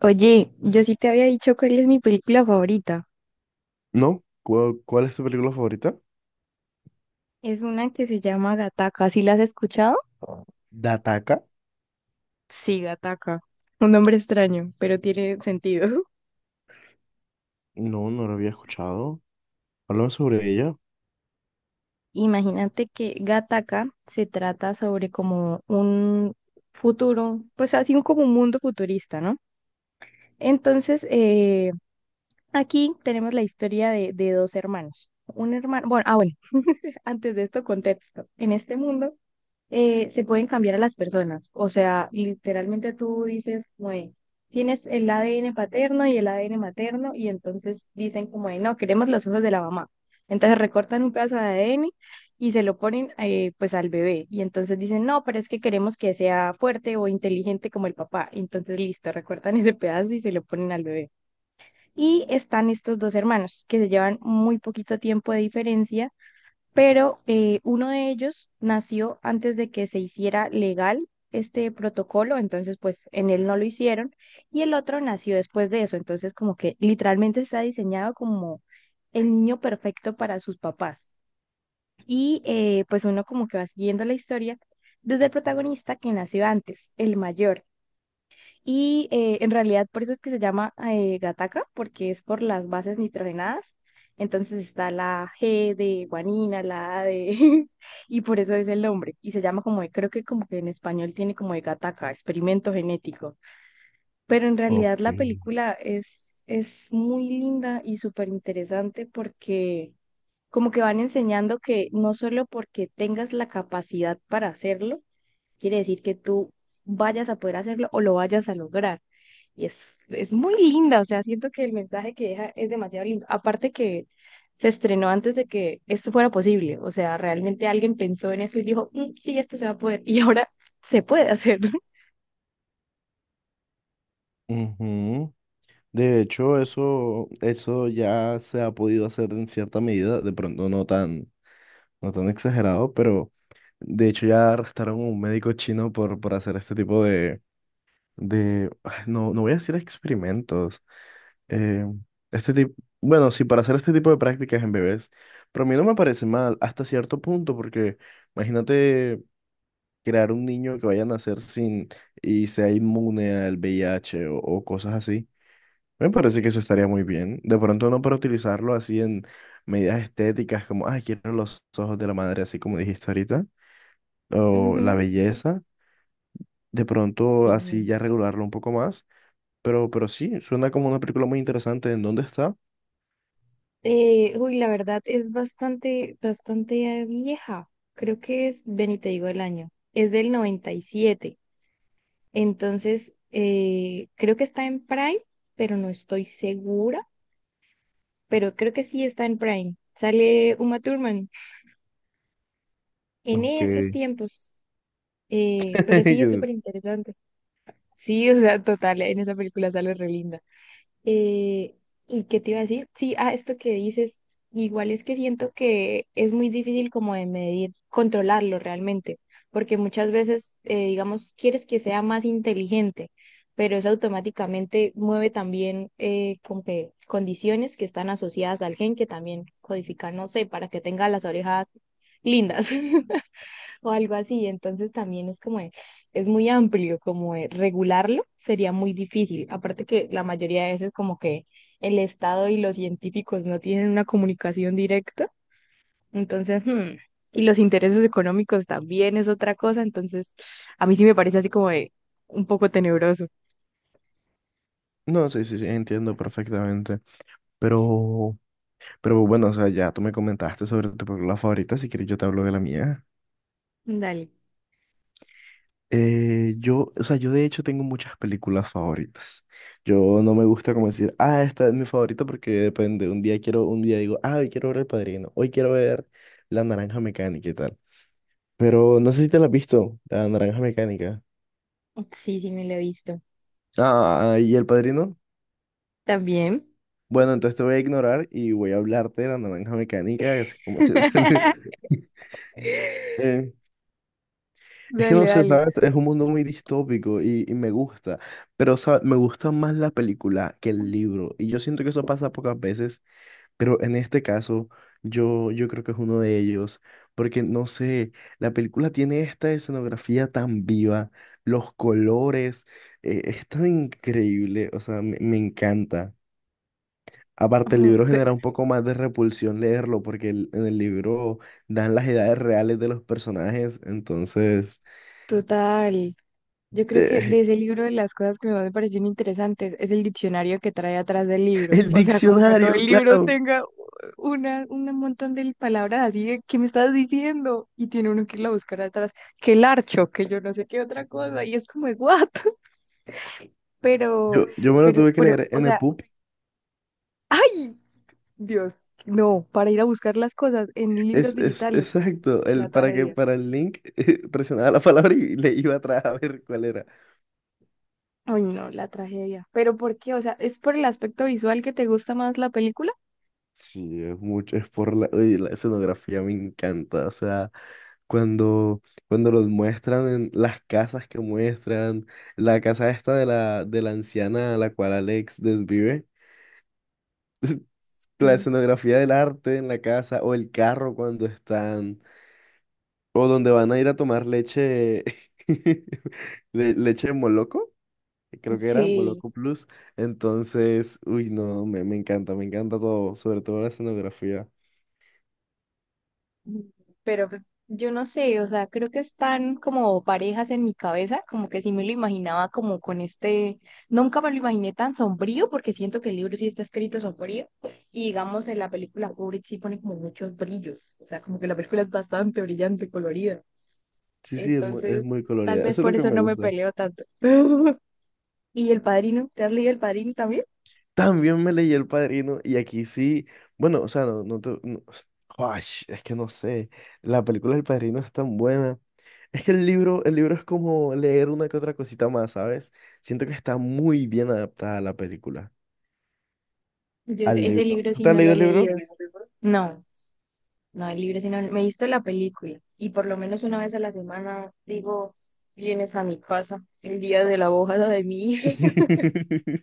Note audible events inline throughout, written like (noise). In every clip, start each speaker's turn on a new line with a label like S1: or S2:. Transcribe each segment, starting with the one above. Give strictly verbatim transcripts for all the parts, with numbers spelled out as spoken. S1: Oye, yo sí te había dicho cuál es mi película favorita.
S2: ¿No? ¿Cuál, cuál es tu película favorita?
S1: Es una que se llama Gataca. ¿Sí la has escuchado?
S2: Dataka.
S1: Sí, Gataca. Un nombre extraño, pero tiene sentido. (laughs)
S2: No, no la había escuchado. Háblame sobre ella.
S1: Imagínate que Gataca se trata sobre como un futuro, pues así como un mundo futurista, ¿no? Entonces, eh, aquí tenemos la historia de, de dos hermanos. Un hermano, bueno, ah, bueno, (laughs) antes de esto, contexto. En este mundo eh, se pueden cambiar a las personas. O sea, literalmente tú dices, como de, tienes el A D N paterno y el A D N materno, y entonces dicen como de, no, queremos los ojos de la mamá. Entonces recortan un pedazo de A D N y se lo ponen eh, pues al bebé. Y entonces dicen, no, pero es que queremos que sea fuerte o inteligente como el papá. Entonces listo, recortan ese pedazo y se lo ponen al bebé. Y están estos dos hermanos que se llevan muy poquito tiempo de diferencia, pero eh, uno de ellos nació antes de que se hiciera legal este protocolo, entonces pues en él no lo hicieron, y el otro nació después de eso, entonces como que literalmente está diseñado como el niño perfecto para sus papás. Y eh, pues uno como que va siguiendo la historia desde el protagonista que nació antes, el mayor. Y eh, en realidad por eso es que se llama eh, Gataca, porque es por las bases nitrogenadas. Entonces está la G de guanina, la A de... (laughs) y por eso es el nombre. Y se llama como, de- creo que como que en español tiene como de Gataca, experimento genético. Pero en realidad
S2: Ok.
S1: la película es, es muy linda y súper interesante porque como que van enseñando que no solo porque tengas la capacidad para hacerlo, quiere decir que tú vayas a poder hacerlo o lo vayas a lograr. Y es, es muy linda, o sea, siento que el mensaje que deja es demasiado lindo. Aparte que se estrenó antes de que esto fuera posible, o sea, realmente alguien pensó en eso y dijo, "Mm, sí, esto se va a poder, y ahora (laughs) se puede hacer".
S2: Ujú. De hecho, eso, eso ya se ha podido hacer en cierta medida, de pronto no tan, no tan exagerado, pero de hecho ya arrestaron a un médico chino por, por hacer este tipo de, de, ah, no, no voy a decir experimentos, eh, este tipo, bueno, sí, para hacer este tipo de prácticas en bebés, pero a mí no me parece mal hasta cierto punto, porque imagínate crear un niño que vaya a nacer sin y sea inmune al V I H o, o cosas así. Me parece que eso estaría muy bien. De pronto no para utilizarlo así en medidas estéticas como, ay, quiero los ojos de la madre, así como dijiste ahorita, o la
S1: Ujú.
S2: belleza. De pronto
S1: Sí.
S2: así ya regularlo un poco más. Pero, pero sí, suena como una película muy interesante. ¿En dónde está?
S1: Eh, uy, la verdad es bastante, bastante eh, vieja. Creo que es, ven y te digo el año. Es del noventa y siete. Entonces, eh, creo que está en Prime, pero no estoy segura, pero creo que sí está en Prime. Sale Uma Thurman en
S2: Ok.
S1: esos tiempos, eh, pero sí es súper
S2: (laughs)
S1: interesante. Sí, o sea, total, en esa película sale re linda. Eh, ¿y qué te iba a decir? Sí, a esto que dices, igual es que siento que es muy difícil como de medir, controlarlo realmente, porque muchas veces, eh, digamos, quieres que sea más inteligente, pero eso automáticamente mueve también eh, como que condiciones que están asociadas al gen que también codifican, no sé, para que tenga las orejas lindas. (laughs) o algo así. Entonces también es como, de- es muy amplio, como de regularlo sería muy difícil. Aparte que la mayoría de veces como que el Estado y los científicos no tienen una comunicación directa. Entonces, hmm, y los intereses económicos también es otra cosa. Entonces, a mí sí me parece así como de un poco tenebroso.
S2: No, sí, sí, sí, entiendo perfectamente. Pero, pero bueno, o sea, ya tú me comentaste sobre tu película favorita. Si quieres, yo te hablo de la mía.
S1: Dale.
S2: Eh, yo, o sea, yo de hecho tengo muchas películas favoritas. Yo no me gusta como decir, ah, esta es mi favorita porque depende. Un día quiero, un día digo, ah, hoy quiero ver El Padrino, hoy quiero ver La Naranja Mecánica y tal. Pero no sé si te la has visto, La Naranja Mecánica.
S1: Sí, sí, me lo he visto.
S2: Ah, ¿y El Padrino?
S1: También.
S2: Bueno, entonces te voy a ignorar y voy a hablarte de La Naranja Mecánica, así como así. (laughs)
S1: (laughs)
S2: Eh, Es que
S1: Dale,
S2: no sé,
S1: dale.
S2: ¿sabes? Es un mundo muy distópico y, y me gusta, pero ¿sabes? Me gusta más la película que el libro y yo siento que eso pasa pocas veces, pero en este caso yo, yo creo que es uno de ellos, porque no sé, la película tiene esta escenografía tan viva, los colores, eh, es tan increíble, o sea, me, me encanta. Aparte, el
S1: Ujú,
S2: libro
S1: pe-
S2: genera un poco más de repulsión leerlo, porque el- en el libro dan las edades reales de los personajes, entonces...
S1: total. Yo creo que
S2: eh,
S1: de ese libro de las cosas que más me parecieron interesantes es el diccionario que trae atrás del libro.
S2: El
S1: O sea, como que todo
S2: diccionario,
S1: el libro
S2: claro.
S1: tenga una, un montón de palabras así de ¿qué me estás diciendo? Y tiene uno que ir a buscar atrás, que el archo, que yo no sé qué otra cosa, y es como de what? (laughs) Pero,
S2: Yo, yo me lo
S1: pero,
S2: tuve que
S1: pero,
S2: leer
S1: o
S2: en el
S1: sea,
S2: pub.
S1: ¡ay! Dios, no, para ir a buscar las cosas en libros
S2: Es, es
S1: digitales,
S2: exacto.
S1: la
S2: El, para que
S1: tragedia.
S2: para el link (laughs) eh, presionaba la palabra y le iba atrás a ver cuál era.
S1: Ay, no, la tragedia. ¿Pero por qué? O sea, ¿es por el aspecto visual que te gusta más la película?
S2: Sí, es mucho, es por la, uy, la escenografía me encanta. O sea, cuando, cuando los muestran en las casas que muestran, la casa esta de la, de la anciana a la cual Alex desvive, (laughs) la
S1: Mm.
S2: escenografía del arte en la casa o el carro cuando están. O donde van a ir a tomar leche, (laughs) le- leche de Moloco, creo que era,
S1: Sí,
S2: Moloco Plus. Entonces, uy, no, me, me encanta, me encanta todo, sobre todo la escenografía.
S1: pero pues, yo no sé, o sea, creo que están como parejas en mi cabeza, como que sí me lo imaginaba como con este, nunca me lo imaginé tan sombrío, porque siento que el libro sí está escrito sombrío, y digamos en la película Kubrick sí pone como muchos brillos, o sea, como que la película es bastante brillante, colorida,
S2: Sí, sí, es muy, es
S1: entonces
S2: muy
S1: tal
S2: colorida,
S1: vez
S2: eso es lo
S1: por
S2: que
S1: eso
S2: me
S1: no me
S2: gusta.
S1: peleo tanto. (laughs) ¿Y El Padrino? ¿Te has leído El Padrino también?
S2: También me leí El Padrino y aquí sí, bueno, o sea, no, no, te- no- Ay, es que no sé, la película del Padrino es tan buena. Es que el libro, el libro es como leer una que otra cosita más, ¿sabes? Siento que está muy bien adaptada a la película,
S1: Yo
S2: al
S1: ese, ese
S2: libro.
S1: libro
S2: ¿Tú
S1: sí
S2: te has
S1: no lo
S2: leído
S1: he
S2: el
S1: leído.
S2: libro?
S1: No. No hay libre, sino me he visto la película y por lo menos una vez a la semana digo, vienes a mi casa el día de la bojada de mí. (laughs)
S2: (laughs)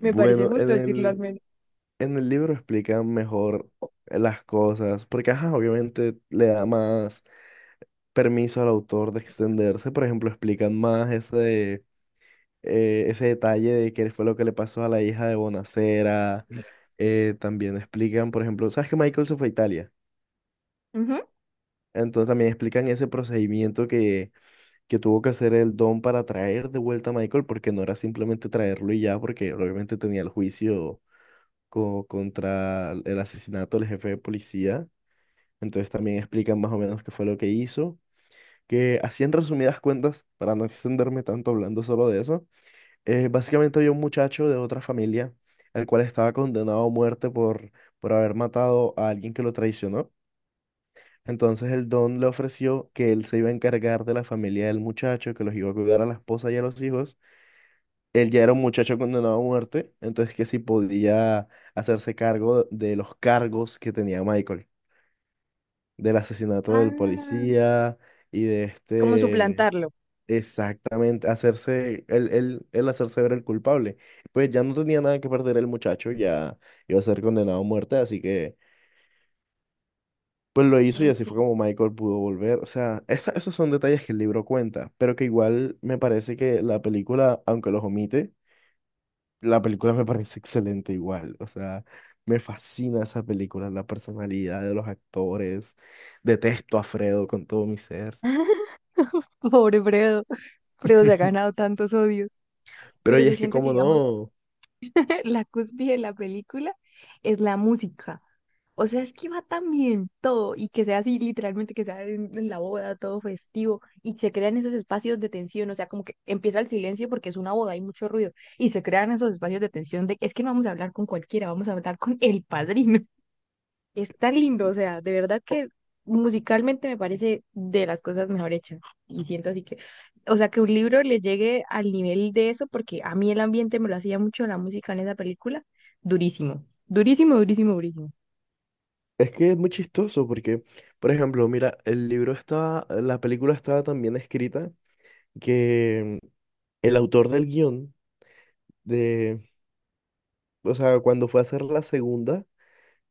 S1: Me parece
S2: Bueno, en
S1: justo decirlo al
S2: el,
S1: menos.
S2: en el libro explican mejor las cosas, porque ajá, obviamente le da más permiso al autor de extenderse, por ejemplo, explican más ese, eh, ese detalle de qué fue lo que le pasó a la hija de Bonacera, eh, también explican, por ejemplo, ¿sabes que Michael se fue a Italia?
S1: Ujú.
S2: Entonces también explican ese procedimiento que, que tuvo que hacer el Don para traer de vuelta a Michael, porque no era simplemente traerlo y ya, porque obviamente tenía el juicio co- contra el asesinato del jefe de policía. Entonces también explican más o menos qué fue lo que hizo. Que así en resumidas cuentas, para no extenderme tanto hablando solo de eso, eh, básicamente había un muchacho de otra familia, el cual estaba condenado a muerte por, por haber matado a alguien que lo traicionó. Entonces el don le ofreció que él se iba a encargar de la familia del muchacho, que los iba a cuidar a la esposa y a los hijos, él ya era un muchacho condenado a muerte, entonces que si podía hacerse cargo de los cargos que tenía Michael, del asesinato del
S1: Ah,
S2: policía y de
S1: como
S2: este,
S1: suplantarlo.
S2: exactamente, hacerse, él, él, él hacerse ver el culpable. Pues ya no tenía nada que perder el muchacho, ya iba a ser condenado a muerte, así que pues lo hizo y
S1: Mm,
S2: así fue
S1: sí.
S2: como Michael pudo volver. O sea, esa- esos son detalles que el libro cuenta, pero que igual me parece que la película, aunque los omite, la película me parece excelente igual, o sea, me fascina esa película, la personalidad de los actores, detesto a Fredo con todo mi ser.
S1: (laughs) Pobre Fredo. Fredo se ha ganado tantos odios.
S2: Pero
S1: Pero
S2: y
S1: yo
S2: es que
S1: siento que,
S2: como
S1: digamos,
S2: no,
S1: (laughs) la cúspide de la película es la música. O sea, es que va tan bien todo y que sea así, literalmente, que sea en, en la boda, todo festivo y se crean esos espacios de tensión. O sea, como que empieza el silencio porque es una boda, hay mucho ruido y se crean esos espacios de tensión de es que no vamos a hablar con cualquiera, vamos a hablar con el padrino. (laughs) Es tan lindo, o sea, de verdad que musicalmente me parece de las cosas mejor hechas y siento así que, o sea, que un libro le llegue al nivel de eso porque a mí el ambiente me lo hacía mucho la música en esa película, durísimo, durísimo, durísimo, durísimo.
S2: es que es muy chistoso porque, por ejemplo, mira, el libro estaba, la película estaba tan bien escrita que mm, el autor del guión de, o sea, cuando fue a hacer la segunda,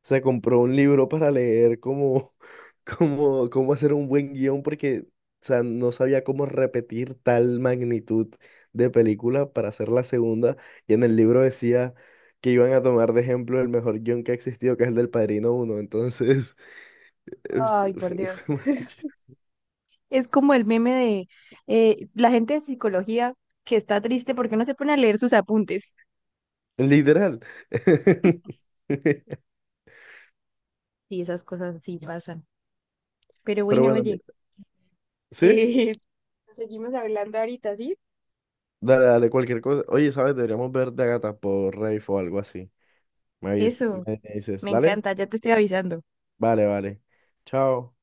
S2: se compró un libro para leer cómo, (laughs) cómo, cómo hacer un buen guión porque, o sea, no sabía cómo repetir tal magnitud de película para hacer la segunda. Y en el libro decía que iban a tomar de ejemplo el mejor guión que ha existido, que es el del Padrino Uno. Entonces, (laughs) es-
S1: Ay,
S2: (laughs)
S1: por
S2: fue
S1: Dios.
S2: demasiado chis-
S1: Es como el meme de eh, la gente de psicología que está triste porque no se pone a leer sus apuntes.
S2: literal. (laughs)
S1: Sí, esas cosas sí pasan. Pero
S2: Pero
S1: bueno,
S2: bueno,
S1: oye,
S2: mira, ¿sí?
S1: eh, (laughs) seguimos hablando ahorita, ¿sí?
S2: Dale, dale, cualquier cosa. Oye, ¿sabes? Deberíamos ver de Agatha por Rafe o algo así. Me avis-
S1: Eso,
S2: me dices,
S1: me
S2: ¿dale?
S1: encanta, ya te estoy avisando.
S2: Vale, vale. Chao.